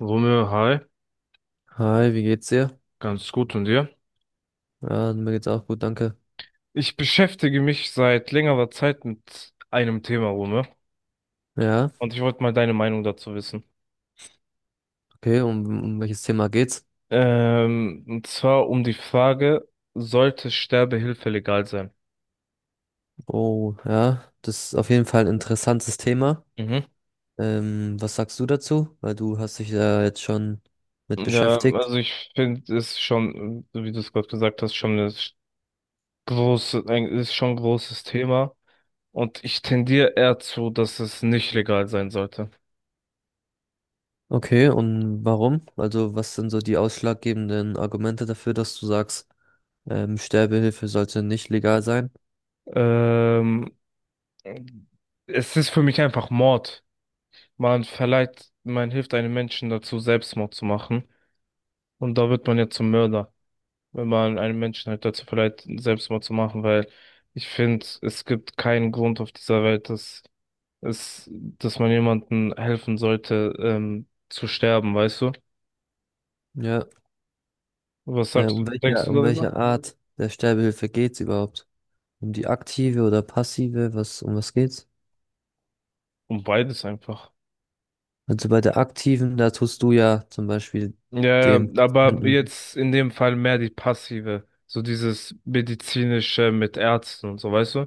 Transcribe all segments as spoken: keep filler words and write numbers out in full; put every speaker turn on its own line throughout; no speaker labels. Romeo, hi,
Hi, wie geht's dir?
ganz gut und dir?
Ja, mir geht's auch gut, danke.
Ich beschäftige mich seit längerer Zeit mit einem Thema, Romeo,
Ja,
und ich wollte mal deine Meinung dazu wissen.
okay, um, um welches Thema geht's?
Ähm, und zwar um die Frage, sollte Sterbehilfe legal sein?
Oh, ja, das ist auf jeden Fall ein interessantes Thema.
Mhm.
Ähm, was sagst du dazu? Weil du hast dich da jetzt schon mit
Ja,
beschäftigt.
also ich finde es schon, so wie du es gerade gesagt hast, schon eine große, ein, ist schon ein großes Thema. Und ich tendiere eher zu, dass es nicht legal sein sollte.
Okay, und warum? Also, was sind so die ausschlaggebenden Argumente dafür, dass du sagst, ähm, Sterbehilfe sollte nicht legal sein?
Ähm, Es ist für mich einfach Mord. Man verleiht, man hilft einem Menschen dazu, Selbstmord zu machen. Und da wird man ja zum Mörder, wenn man einem Menschen halt dazu verleiht, Selbstmord zu machen, weil ich finde, es gibt keinen Grund auf dieser Welt, dass es, dass man jemandem helfen sollte, ähm, zu sterben, weißt du?
Ja,
Was
äh,
sagst du,
um
denkst
welche,
du
um
darüber?
welche Art der Sterbehilfe geht's überhaupt? Um die aktive oder passive? Was, um was geht's?
Um beides einfach.
Also bei der aktiven, da tust du ja zum Beispiel
Ja,
dem
ja, aber
Patienten,
jetzt in dem Fall mehr die passive, so dieses medizinische mit Ärzten und so, weißt du?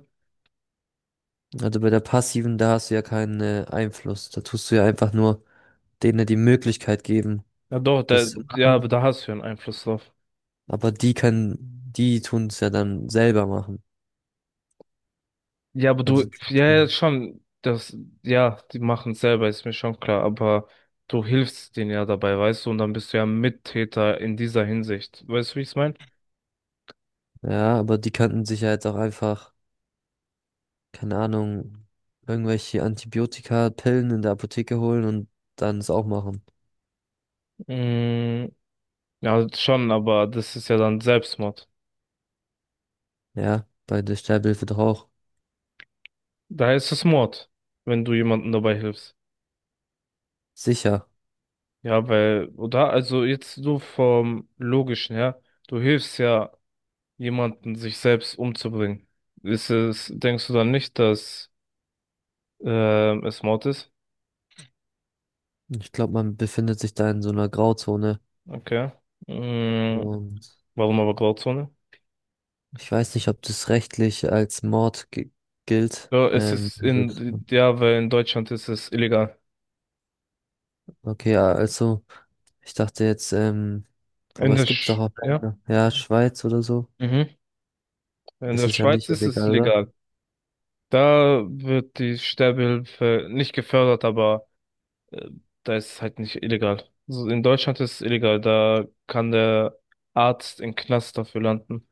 also bei der passiven, da hast du ja keinen äh, Einfluss. Da tust du ja einfach nur denen die Möglichkeit geben,
Ja, doch, da,
das zu
ja, aber
machen.
da hast du ja einen Einfluss drauf.
Aber die können, die tun es ja dann selber machen.
Ja, aber
Also
du,
die
ja, ja,
tun,
schon, das, ja, die machen es selber, ist mir schon klar, aber du hilfst denen ja dabei, weißt du, und dann bist du ja Mittäter in dieser Hinsicht. Weißt du, wie ich es meine?
ja, aber die könnten sich ja jetzt auch einfach, keine Ahnung, irgendwelche Antibiotika, Pillen in der Apotheke holen und dann es auch machen.
Mm, ja, schon, aber das ist ja dann Selbstmord.
Ja, bei der Sterbehilfe doch auch.
Da ist es Mord, wenn du jemandem dabei hilfst.
Sicher.
Ja, weil, oder? Also jetzt so vom Logischen her, du hilfst ja jemanden, sich selbst umzubringen. Ist es, denkst du dann nicht, dass ähm, es Mord ist?
Ich glaube, man befindet sich da in so einer Grauzone.
Okay. Mm,
Und
warum aber Grauzone?
ich weiß nicht, ob das rechtlich als Mord gi- gilt.
Ja, es
Ähm,
ist
wird-
in, ja, weil in Deutschland ist es illegal.
okay, ja, also ich dachte jetzt, ähm, aber
In der,
es gibt doch
Sch
auch
ja,
Länder, ja, Schweiz oder so,
mhm. In
ist
der
es ja
Schweiz
nicht
ist es
illegal, oder?
legal. Da wird die Sterbehilfe nicht gefördert, aber äh, da ist es halt nicht illegal. Also in Deutschland ist es illegal, da kann der Arzt im Knast dafür landen.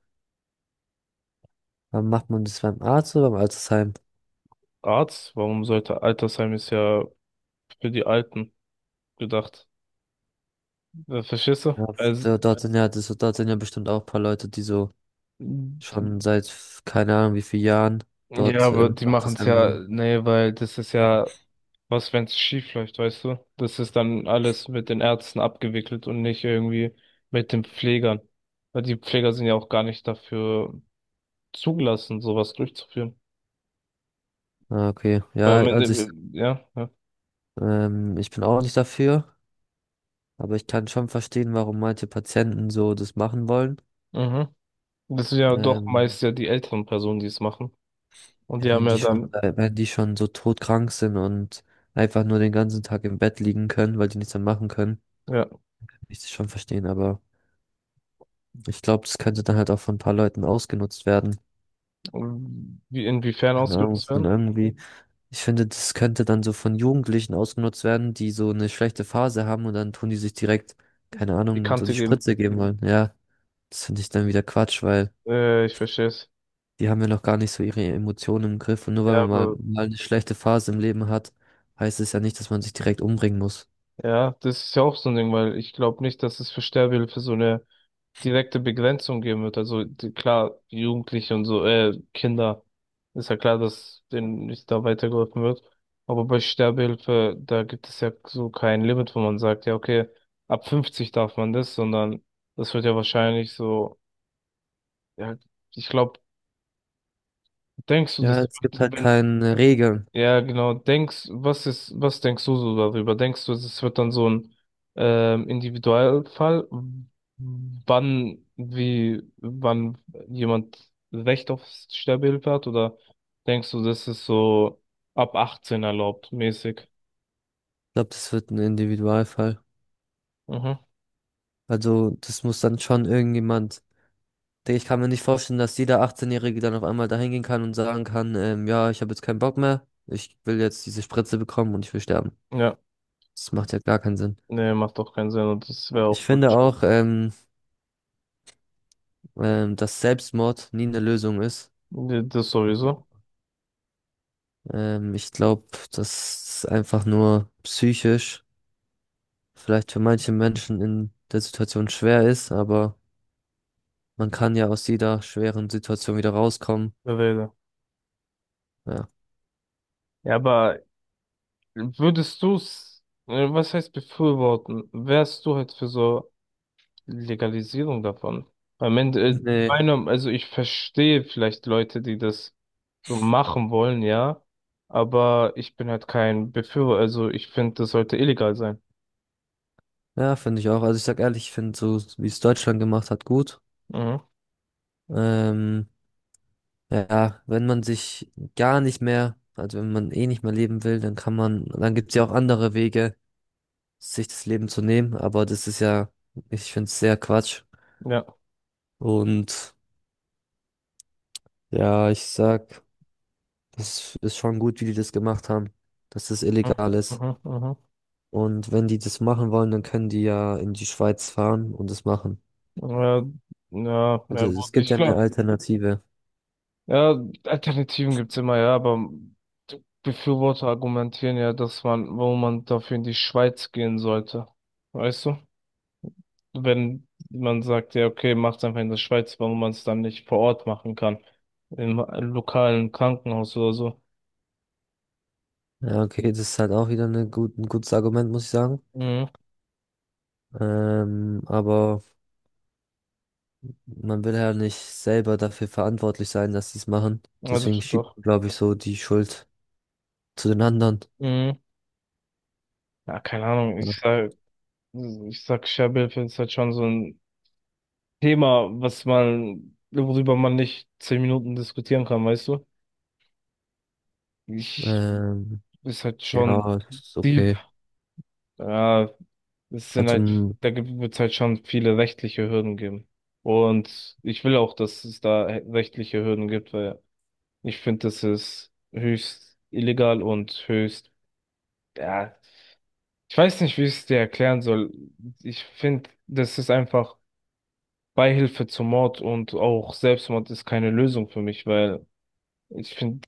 Aber macht man das beim Arzt oder beim Altersheim?
Arzt? Warum sollte Altersheim ist ja für die Alten gedacht. Äh, Verstehst du?
Ja,
Also,
da- dort sind ja, das, dort sind ja bestimmt auch ein paar Leute, die so schon seit f- keine Ahnung wie vielen Jahren
ja,
dort
aber
im
die machen es
Altersheim
ja,
sind.
nee, weil das ist ja was, wenn es schief läuft, weißt du? Das ist dann alles mit den Ärzten abgewickelt und nicht irgendwie mit den Pflegern. Weil die Pfleger sind ja auch gar nicht dafür zugelassen, sowas durchzuführen.
Ah, okay,
Weil
ja,
am Ende,
also ich,
äh, ja, ja.
ähm, ich bin auch nicht dafür. Aber ich kann schon verstehen, warum manche Patienten so das machen wollen.
Mhm. Das sind ja doch
Ähm,
meist ja die älteren Personen, die es machen. Und
ja,
die haben
wenn die
ja
schon,
dann,
äh, wenn die schon so todkrank sind und einfach nur den ganzen Tag im Bett liegen können, weil die nichts mehr machen können,
ja,
kann ich das schon verstehen. Aber ich glaube, das könnte dann halt auch von ein paar Leuten ausgenutzt werden.
wie inwiefern
Keine Ahnung,
ausgenutzt
und
werden?
irgendwie, ich finde, das könnte dann so von Jugendlichen ausgenutzt werden, die so eine schlechte Phase haben und dann tun die sich direkt, keine
Die
Ahnung, so die
Kante geben.
Spritze geben wollen. Ja, das finde ich dann wieder Quatsch, weil
Äh, ich verstehe es.
die haben ja noch gar nicht so ihre Emotionen im Griff. Und nur weil
Ja,
man mal,
aber,
mal eine schlechte Phase im Leben hat, heißt es ja nicht, dass man sich direkt umbringen muss.
ja, das ist ja auch so ein Ding, weil ich glaube nicht, dass es für Sterbehilfe so eine direkte Begrenzung geben wird. Also die, klar, Jugendliche und so, äh, Kinder, ist ja klar, dass denen nicht da weitergeholfen wird. Aber bei Sterbehilfe, da gibt es ja so kein Limit, wo man sagt, ja, okay, ab fünfzig darf man das, sondern das wird ja wahrscheinlich so, ja, ich glaube, denkst du,
Ja,
das
es gibt
wird,
halt
wenn
keine Regeln.
ja, genau. Denkst, was ist, was denkst du so darüber? Denkst du, es wird dann so ein ähm, Individualfall, wann, wie, wann jemand Recht auf Sterbehilfe hat? Oder denkst du, das ist so ab achtzehn erlaubt, mäßig?
Ich glaube, das wird ein Individualfall.
Mhm.
Also, das muss dann schon irgendjemand. Digga, ich kann mir nicht vorstellen, dass jeder achtzehn-Jährige dann auf einmal dahin gehen kann und sagen kann, ähm, ja, ich habe jetzt keinen Bock mehr, ich will jetzt diese Spritze bekommen und ich will sterben.
Ja,
Das macht ja gar keinen Sinn.
nee, macht doch keinen Sinn und das wäre
Ich
auch
finde
falsch.
auch, ähm, ähm, dass Selbstmord nie eine Lösung ist.
Nee, das sowieso.
Ähm, ich glaube, dass es einfach nur psychisch vielleicht für manche Menschen in der Situation schwer ist, aber man kann ja aus jeder schweren Situation wieder rauskommen.
Rede.
Ja.
Ja, aber würdest du's, äh, was heißt befürworten? Wärst du halt für so Legalisierung davon. Am Ende, äh,
Nee.
meiner, also ich verstehe vielleicht Leute, die das so machen wollen, ja, aber ich bin halt kein Befürworter, also ich finde, das sollte illegal sein.
Ja, finde ich auch. Also ich sag ehrlich, ich finde so, wie es Deutschland gemacht hat, gut.
Mhm.
Ähm, ja, wenn man sich gar nicht mehr, also wenn man eh nicht mehr leben will, dann kann man, dann gibt's ja auch andere Wege, sich das Leben zu nehmen, aber das ist ja, ich finde es sehr Quatsch.
Ja.
Und ja, ich sag. Das ist schon gut, wie die das gemacht haben, dass das
Mhm.
illegal ist.
Mhm. Mhm.
Und wenn die das machen wollen, dann können die ja in die Schweiz fahren und das machen.
Ja, ja, ja,
Also ja.
gut,
Es gibt
ich
ja eine
glaube,
Alternative.
ja, Alternativen gibt's immer, ja, aber Befürworter argumentieren ja, dass man, wo man dafür in die Schweiz gehen sollte. Weißt du? Wenn man sagt, ja, okay, macht's einfach in der Schweiz, warum man es dann nicht vor Ort machen kann. Im lokalen Krankenhaus oder so.
Ja, okay, das ist halt auch wieder eine gut, ein gutes Argument, muss ich sagen.
Mhm.
Ähm, aber man will ja nicht selber dafür verantwortlich sein, dass sie es machen.
Also
Deswegen
schon
schiebt
doch.
man, glaube ich, so die Schuld zu den anderen.
Mhm. Ja, keine Ahnung. Ich
Ja.
sag, ich sag, Sterbehilfe ist halt schon so ein Thema, was man, worüber man nicht zehn Minuten diskutieren kann, weißt du? Ich,
Ähm,
ist halt schon
ja, ist
deep.
okay.
Ja, es sind
Also,
halt,
m-
da wird es halt schon viele rechtliche Hürden geben. Und ich will auch, dass es da rechtliche Hürden gibt, weil ich finde, das ist höchst illegal und höchst, ja, ich weiß nicht, wie ich es dir erklären soll. Ich finde, das ist einfach Beihilfe zum Mord und auch Selbstmord ist keine Lösung für mich, weil ich finde,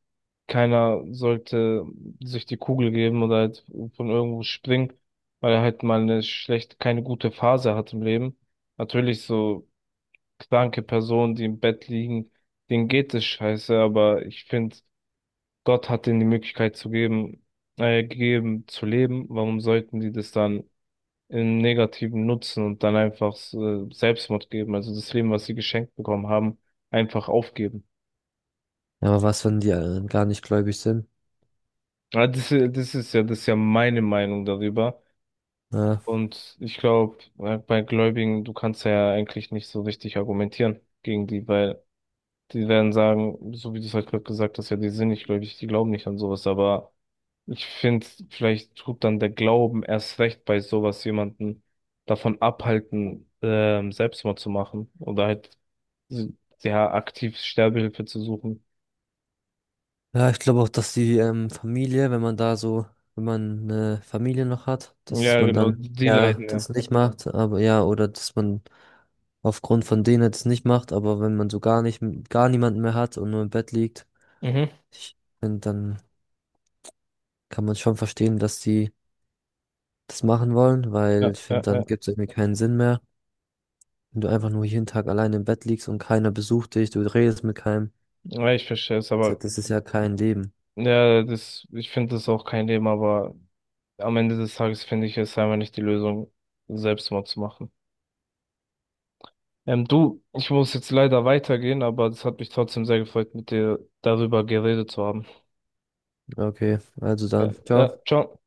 keiner sollte sich die Kugel geben oder halt von irgendwo springen, weil er halt mal eine schlecht, keine gute Phase hat im Leben. Natürlich so kranke Personen, die im Bett liegen, denen geht es scheiße, aber ich finde, Gott hat ihnen die Möglichkeit zu geben, äh, gegeben zu leben. Warum sollten die das dann im Negativen nutzen und dann einfach äh, Selbstmord geben? Also das Leben, was sie geschenkt bekommen haben, einfach aufgeben.
ja, aber was, wenn die äh, gar nicht gläubig sind?
Ja, das, i- das ist ja, das ist ja meine Meinung darüber.
Ja,
Und ich glaube, bei Gläubigen, du kannst ja eigentlich nicht so richtig argumentieren gegen die, weil die werden sagen, so wie du es halt gerade gesagt hast, ja, die sind nicht gläubig, die glauben nicht an sowas, aber ich finde, vielleicht tut dann der Glauben erst recht bei sowas jemanden davon abhalten, ähm, Selbstmord zu machen oder halt s- ja aktiv Sterbehilfe zu suchen.
ja, ich glaube auch, dass die ähm, Familie, wenn man da so, wenn man eine Familie noch hat, dass
Ja,
man
genau,
dann
die
ja
leiden ja.
das nicht macht, aber ja, oder dass man aufgrund von denen das nicht macht, aber wenn man so gar nicht, gar niemanden mehr hat und nur im Bett liegt,
Mhm.
ich finde, dann kann man schon verstehen, dass die das machen wollen, weil
Ja,
ich finde,
ja,
dann
ja.
gibt es irgendwie keinen Sinn mehr, wenn du einfach nur jeden Tag alleine im Bett liegst und keiner besucht dich, du redest mit keinem.
Ja, ich verstehe es, aber
Das ist ja kein Leben.
ja, das, ich finde das auch kein Thema, aber am Ende des Tages finde ich es einfach nicht die Lösung, Selbstmord zu machen. Ähm, du, ich muss jetzt leider weitergehen, aber es hat mich trotzdem sehr gefreut, mit dir darüber geredet zu haben.
Okay, also
Ja,
dann, ciao.
ja, ciao.